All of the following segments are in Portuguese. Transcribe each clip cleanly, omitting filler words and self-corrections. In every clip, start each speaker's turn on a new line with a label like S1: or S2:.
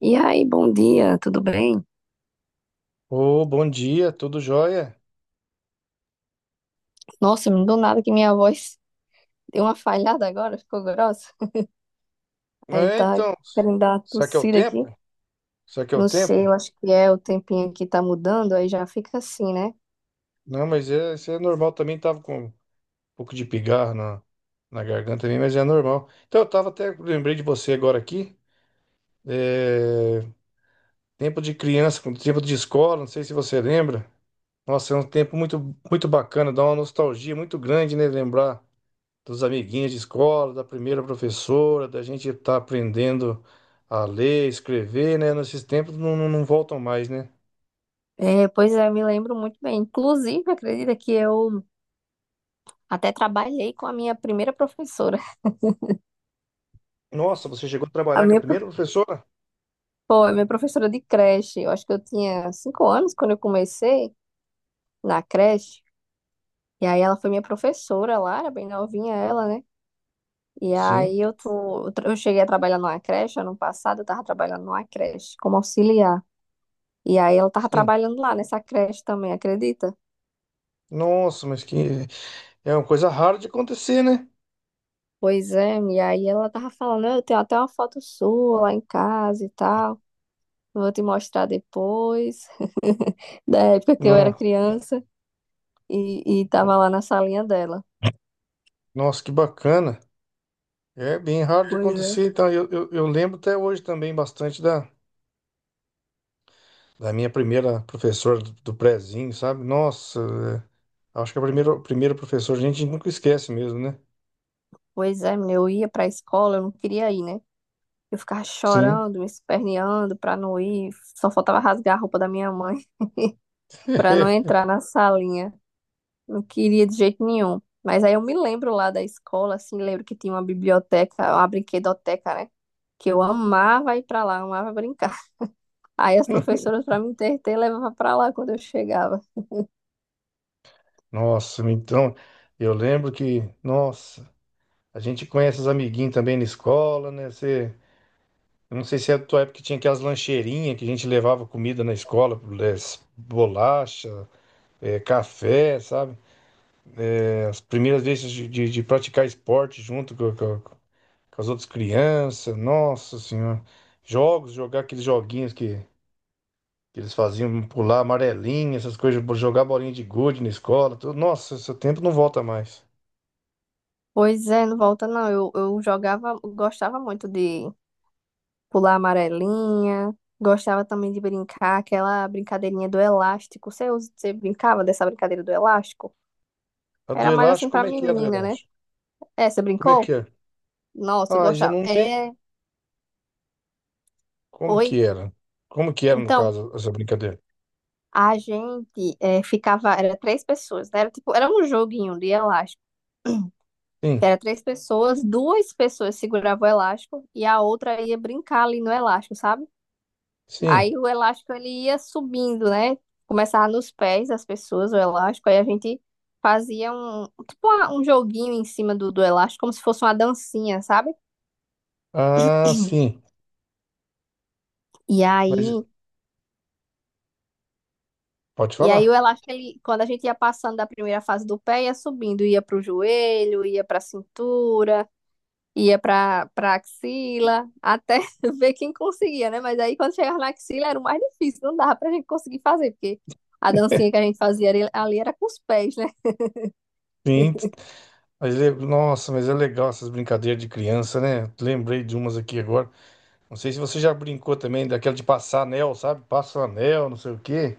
S1: E aí, bom dia, tudo bem?
S2: Ô, bom dia, tudo jóia?
S1: Nossa, do nada que minha voz deu uma falhada agora, ficou grossa. Aí
S2: É,
S1: tá
S2: então,
S1: querendo dar uma
S2: será que é o
S1: tossida aqui.
S2: tempo? Será que é o
S1: Não sei,
S2: tempo?
S1: eu acho que é o tempinho que tá mudando, aí já fica assim, né?
S2: Não, mas é, isso é normal também, tava com um pouco de pigarro na garganta também, mas é normal. Então, eu tava até, lembrei de você agora aqui, é, tempo de criança, com tempo de escola, não sei se você lembra. Nossa, é um tempo muito, muito bacana, dá uma nostalgia muito grande, né, lembrar dos amiguinhos de escola, da primeira professora, da gente estar aprendendo a ler, escrever, né? Nesses tempos não voltam mais, né?
S1: É, pois é, eu me lembro muito bem. Inclusive, acredita que eu até trabalhei com a minha primeira professora.
S2: Nossa, você chegou a
S1: A
S2: trabalhar com a
S1: minha,
S2: primeira professora?
S1: pô, a minha professora de creche. Eu acho que eu tinha 5 anos quando eu comecei na creche. E aí ela foi minha professora lá, era bem novinha ela, né? E
S2: Sim,
S1: aí eu cheguei a trabalhar numa creche ano passado, eu tava trabalhando numa creche como auxiliar. E aí ela tava
S2: sim.
S1: trabalhando lá nessa creche também, acredita?
S2: Nossa, mas que é uma coisa rara de acontecer, né?
S1: Pois é, e aí ela tava falando, eu tenho até uma foto sua lá em casa e tal, vou te mostrar depois, da época que eu era
S2: No-
S1: criança e tava lá na salinha dela.
S2: Nossa, que bacana. É bem raro de
S1: Pois é.
S2: acontecer. Então, eu lembro até hoje também bastante da minha primeira professora do prézinho, sabe? Nossa, é, acho que a primeira professora a gente nunca esquece mesmo, né?
S1: Pois é, menina, eu ia pra escola, eu não queria ir, né? Eu ficava
S2: Sim.
S1: chorando, me esperneando pra não ir, só faltava rasgar a roupa da minha mãe para não entrar na salinha. Não queria de jeito nenhum. Mas aí eu me lembro lá da escola, assim, lembro que tinha uma biblioteca, uma brinquedoteca, né? Que eu amava ir pra lá, amava brincar. Aí as professoras, pra me entreter, levavam pra lá quando eu chegava.
S2: Nossa, então, eu lembro que, nossa, a gente conhece os amiguinhos também na escola, né? Você, eu não sei se é da tua época que tinha aquelas lancheirinhas que a gente levava comida na escola, eh, bolacha, café, sabe? É, as primeiras vezes de praticar esporte com as outras crianças, nossa senhora. Jogos, jogar aqueles joguinhos que eles faziam, pular amarelinha, essas coisas, jogar bolinha de gude na escola, tudo. Nossa, esse tempo não volta mais.
S1: Pois é, não volta não. Eu jogava, gostava muito de pular amarelinha, gostava também de brincar aquela brincadeirinha do elástico. Você, você brincava dessa brincadeira do elástico?
S2: A do
S1: Era mais assim
S2: elástico,
S1: pra
S2: como é que é a do
S1: menina, né?
S2: elástico?
S1: É, você
S2: Como é que
S1: brincou?
S2: é?
S1: Nossa, eu
S2: Ah, já
S1: gostava.
S2: não tem.
S1: É,
S2: Como
S1: oi?
S2: que era? Como que era, no
S1: Então,
S2: caso, essa brincadeira?
S1: a gente ficava, era três pessoas, né? Era tipo, era um joguinho de elástico.
S2: Sim,
S1: Era três pessoas, duas pessoas seguravam o elástico e a outra ia brincar ali no elástico, sabe?
S2: sim.
S1: Aí o elástico ele ia subindo, né? Começava nos pés das pessoas, o elástico, aí a gente fazia um, tipo um joguinho em cima do, do elástico, como se fosse uma dancinha, sabe?
S2: Ah, sim.
S1: E
S2: Mas
S1: aí,
S2: pode
S1: e aí
S2: falar.
S1: o elástico, ele, quando a gente ia passando da primeira fase do pé, ia subindo, ia pro joelho, ia pra cintura. Ia pra, pra axila, até ver quem conseguia, né? Mas aí quando chegava na axila era o mais difícil, não dava pra gente conseguir fazer, porque a dancinha que a gente fazia ali, ali era com os pés, né?
S2: Sim. Mas, nossa, mas é legal essas brincadeiras de criança, né? Lembrei de umas aqui agora. Não sei se você já brincou também daquela de passar anel, sabe? Passa o anel, não sei o quê.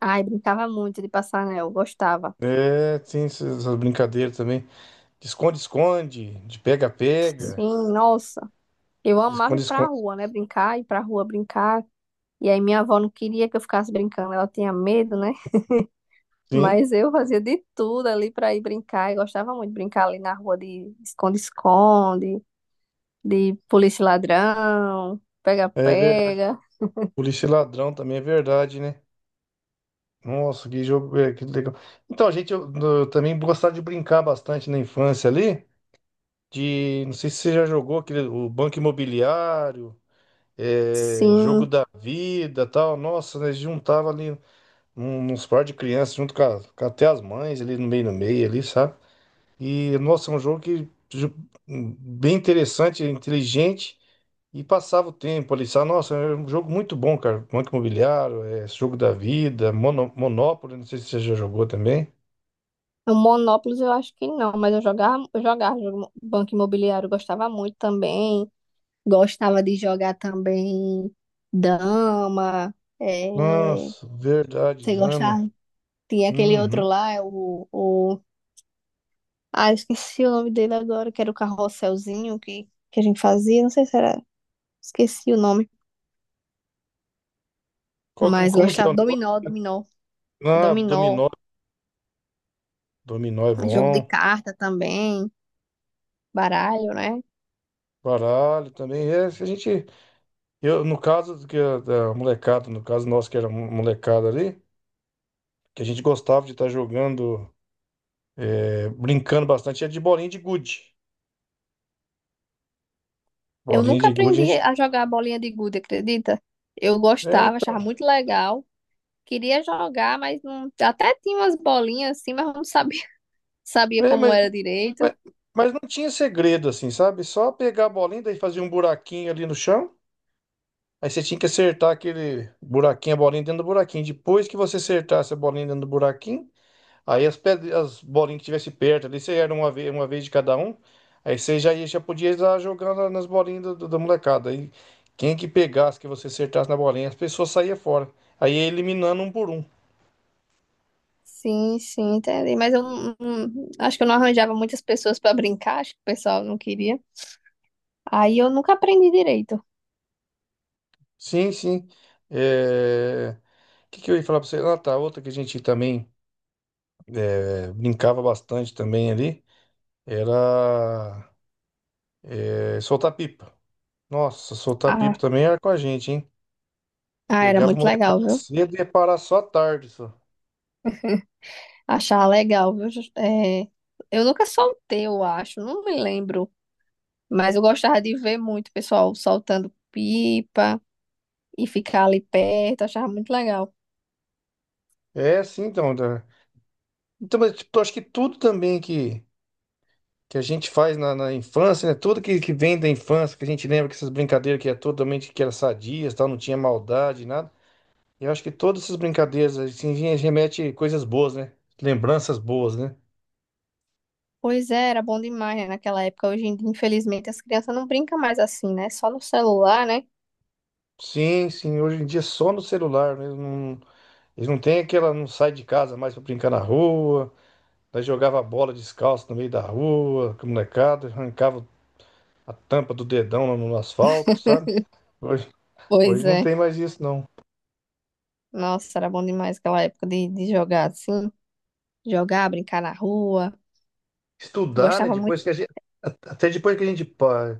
S1: Ai, brincava muito de passar anel, gostava.
S2: É, tem essas brincadeiras também. De esconde-esconde,
S1: Sim, nossa. Eu
S2: de
S1: amava ir pra
S2: esconde-esconde.
S1: rua, né? Brincar, ir pra rua brincar. E aí minha avó não queria que eu ficasse brincando, ela tinha medo, né?
S2: Sim,
S1: Mas eu fazia de tudo ali pra ir brincar. Eu gostava muito de brincar ali na rua de esconde-esconde, de polícia e ladrão,
S2: é verdade.
S1: pega-pega.
S2: Polícia e ladrão também é verdade, né? Nossa, que jogo, é, que legal. Então, eu também gostava de brincar bastante na infância ali, de, não sei se você já jogou aquele, o Banco Imobiliário, é, Jogo
S1: Sim.
S2: da Vida, tal. Nossa, nós juntava ali uns par de crianças com até as mães ali no meio ali, sabe? E nossa, é um jogo bem interessante, inteligente. E passava o tempo ali, sabe? Nossa, é um jogo muito bom, cara. Banco Imobiliário, é, Jogo da Vida, Monopólio, não sei se você já jogou também.
S1: O Monópolis eu acho que não, mas eu jogava, Banco Imobiliário, eu gostava muito também. Gostava de jogar também dama. É...
S2: Nossa, verdade,
S1: Você
S2: dama.
S1: gostava? Tinha aquele outro
S2: Uhum.
S1: lá, é o... Ah, eu esqueci o nome dele agora, que era o carrosselzinho que a gente fazia. Não sei se era... Esqueci o nome. Mas
S2: Como que é o
S1: gostava.
S2: negócio?
S1: Dominó, dominó. É
S2: Ah,
S1: dominó.
S2: dominó. Dominó é
S1: É jogo de
S2: bom.
S1: carta também, baralho, né?
S2: Baralho também. É, se a gente, eu, no caso do que a, da molecada, no caso nosso que era molecada ali, que a gente gostava de estar jogando, é, brincando bastante, era de bolinha de gude.
S1: Eu
S2: Bolinha
S1: nunca
S2: de gude, a
S1: aprendi
S2: gente.
S1: a jogar bolinha de gude, acredita? Eu
S2: É,
S1: gostava,
S2: então,
S1: achava muito legal. Queria jogar, mas não... até tinha umas bolinhas assim, mas não sabia, sabia
S2: é,
S1: como era direito.
S2: mas, mas não tinha segredo assim, sabe? Só pegar a bolinha, daí fazia um buraquinho ali no chão. Aí você tinha que acertar aquele buraquinho, a bolinha dentro do buraquinho. Depois que você acertasse a bolinha dentro do buraquinho, aí as, pedras, as bolinhas que tivesse perto ali, você era uma vez de cada um. Aí você já podia ir lá jogando nas bolinhas da molecada. Aí quem que pegasse, que você acertasse na bolinha, as pessoas saíam fora. Aí ia eliminando um por um.
S1: Sim, sim, entendi. Mas eu não, não- acho que eu não arranjava muitas pessoas para brincar, acho que o pessoal não queria. Aí eu nunca aprendi direito.
S2: Sim, sim. É... o que que eu ia falar pra você? Ah, tá, outra que a gente também. É, brincava bastante também ali, era é, soltar pipa. Nossa, soltar pipa
S1: Ah,
S2: também era com a gente, hein?
S1: ah, era
S2: Pegava o
S1: muito
S2: molecada
S1: legal, viu?
S2: cedo e ia parar só à tarde, só.
S1: Achava legal, viu? É, eu nunca soltei, eu acho, não me lembro. Mas eu gostava de ver muito o pessoal soltando pipa e ficar ali perto, achava muito legal.
S2: É, sim, então. Então, mas, tipo, eu acho que tudo também que a gente faz na infância, né? Tudo que vem da infância, que a gente lembra que essas brincadeiras que era totalmente que era sadias, tal, não tinha maldade, nada. Eu acho que todas essas brincadeiras, assim, remete coisas boas, né? Lembranças boas, né?
S1: Pois é, era bom demais, né, naquela época. Hoje em dia, infelizmente, as crianças não brincam mais assim, né? Só no celular, né?
S2: Sim, sim, hoje em dia é só no celular mesmo. Eles não têm aquela, não sai de casa mais pra brincar na rua. Nós jogava bola descalço no meio da rua, com a molecada, arrancava a tampa do dedão lá no asfalto, sabe? Hoje,
S1: Pois
S2: hoje não
S1: é.
S2: tem mais isso, não.
S1: Nossa, era bom demais aquela época de jogar assim, jogar, brincar na rua.
S2: Estudar, né?
S1: Gostava muito,
S2: Depois que a gente. Até depois que a gente pa-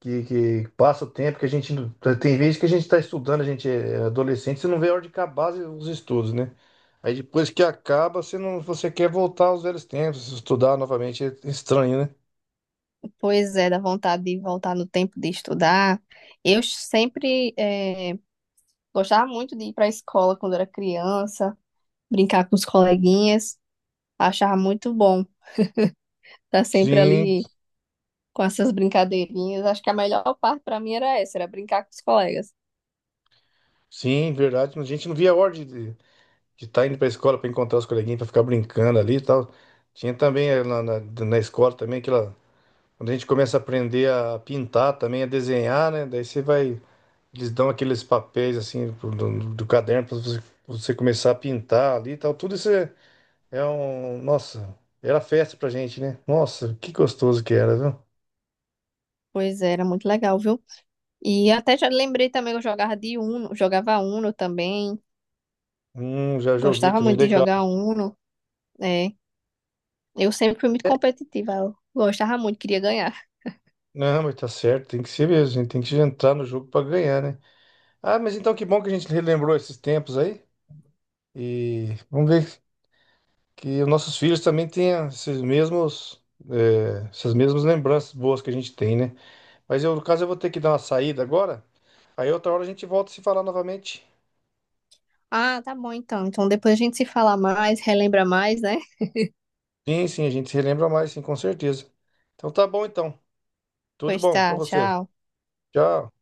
S2: que passa o tempo, que a gente. Tem vezes que a gente está estudando, a gente é adolescente, você não vê a hora de acabar os estudos, né? Aí depois que acaba, você não, você quer voltar aos velhos tempos, estudar novamente é estranho, né?
S1: pois é, da vontade de voltar no tempo de estudar. Eu sempre gostava muito de ir para a escola quando era criança, brincar com os coleguinhas, achava muito bom. Tá sempre
S2: Sim,
S1: ali com essas brincadeirinhas. Acho que a melhor parte pra mim era essa, era brincar com os colegas.
S2: sim, verdade. A gente não via a hora de estar indo para a escola para encontrar os coleguinhas, para ficar brincando ali e tal. Tinha também na escola também aquela. Quando a gente começa a aprender a pintar também, a desenhar, né? Daí você vai. Eles dão aqueles papéis assim do caderno para você, você começar a pintar ali e tal. Tudo isso é, é um. Nossa, era festa pra gente, né? Nossa, que gostoso que era, viu?
S1: Pois é, era muito legal, viu? E até já lembrei também que eu jogava de Uno, jogava Uno também.
S2: Já joguei
S1: Gostava
S2: também,
S1: muito de
S2: legal.
S1: jogar Uno, né? Eu sempre fui muito competitiva, eu gostava muito, queria ganhar.
S2: Não, mas tá certo, tem que ser mesmo, a gente tem que entrar no jogo para ganhar, né? Ah, mas então que bom que a gente relembrou esses tempos aí. E vamos ver que os nossos filhos também tenham esses mesmos, essas mesmas lembranças boas que a gente tem, né? Mas eu, no caso, eu vou ter que dar uma saída agora. Aí outra hora a gente volta a se falar novamente.
S1: Ah, tá bom então. Então depois a gente se fala mais, relembra mais, né?
S2: Sim, sim, a gente se relembra mais, sim, com certeza. Então tá bom então. Tudo
S1: Pois
S2: bom pra
S1: tá,
S2: você.
S1: tchau.
S2: Tchau.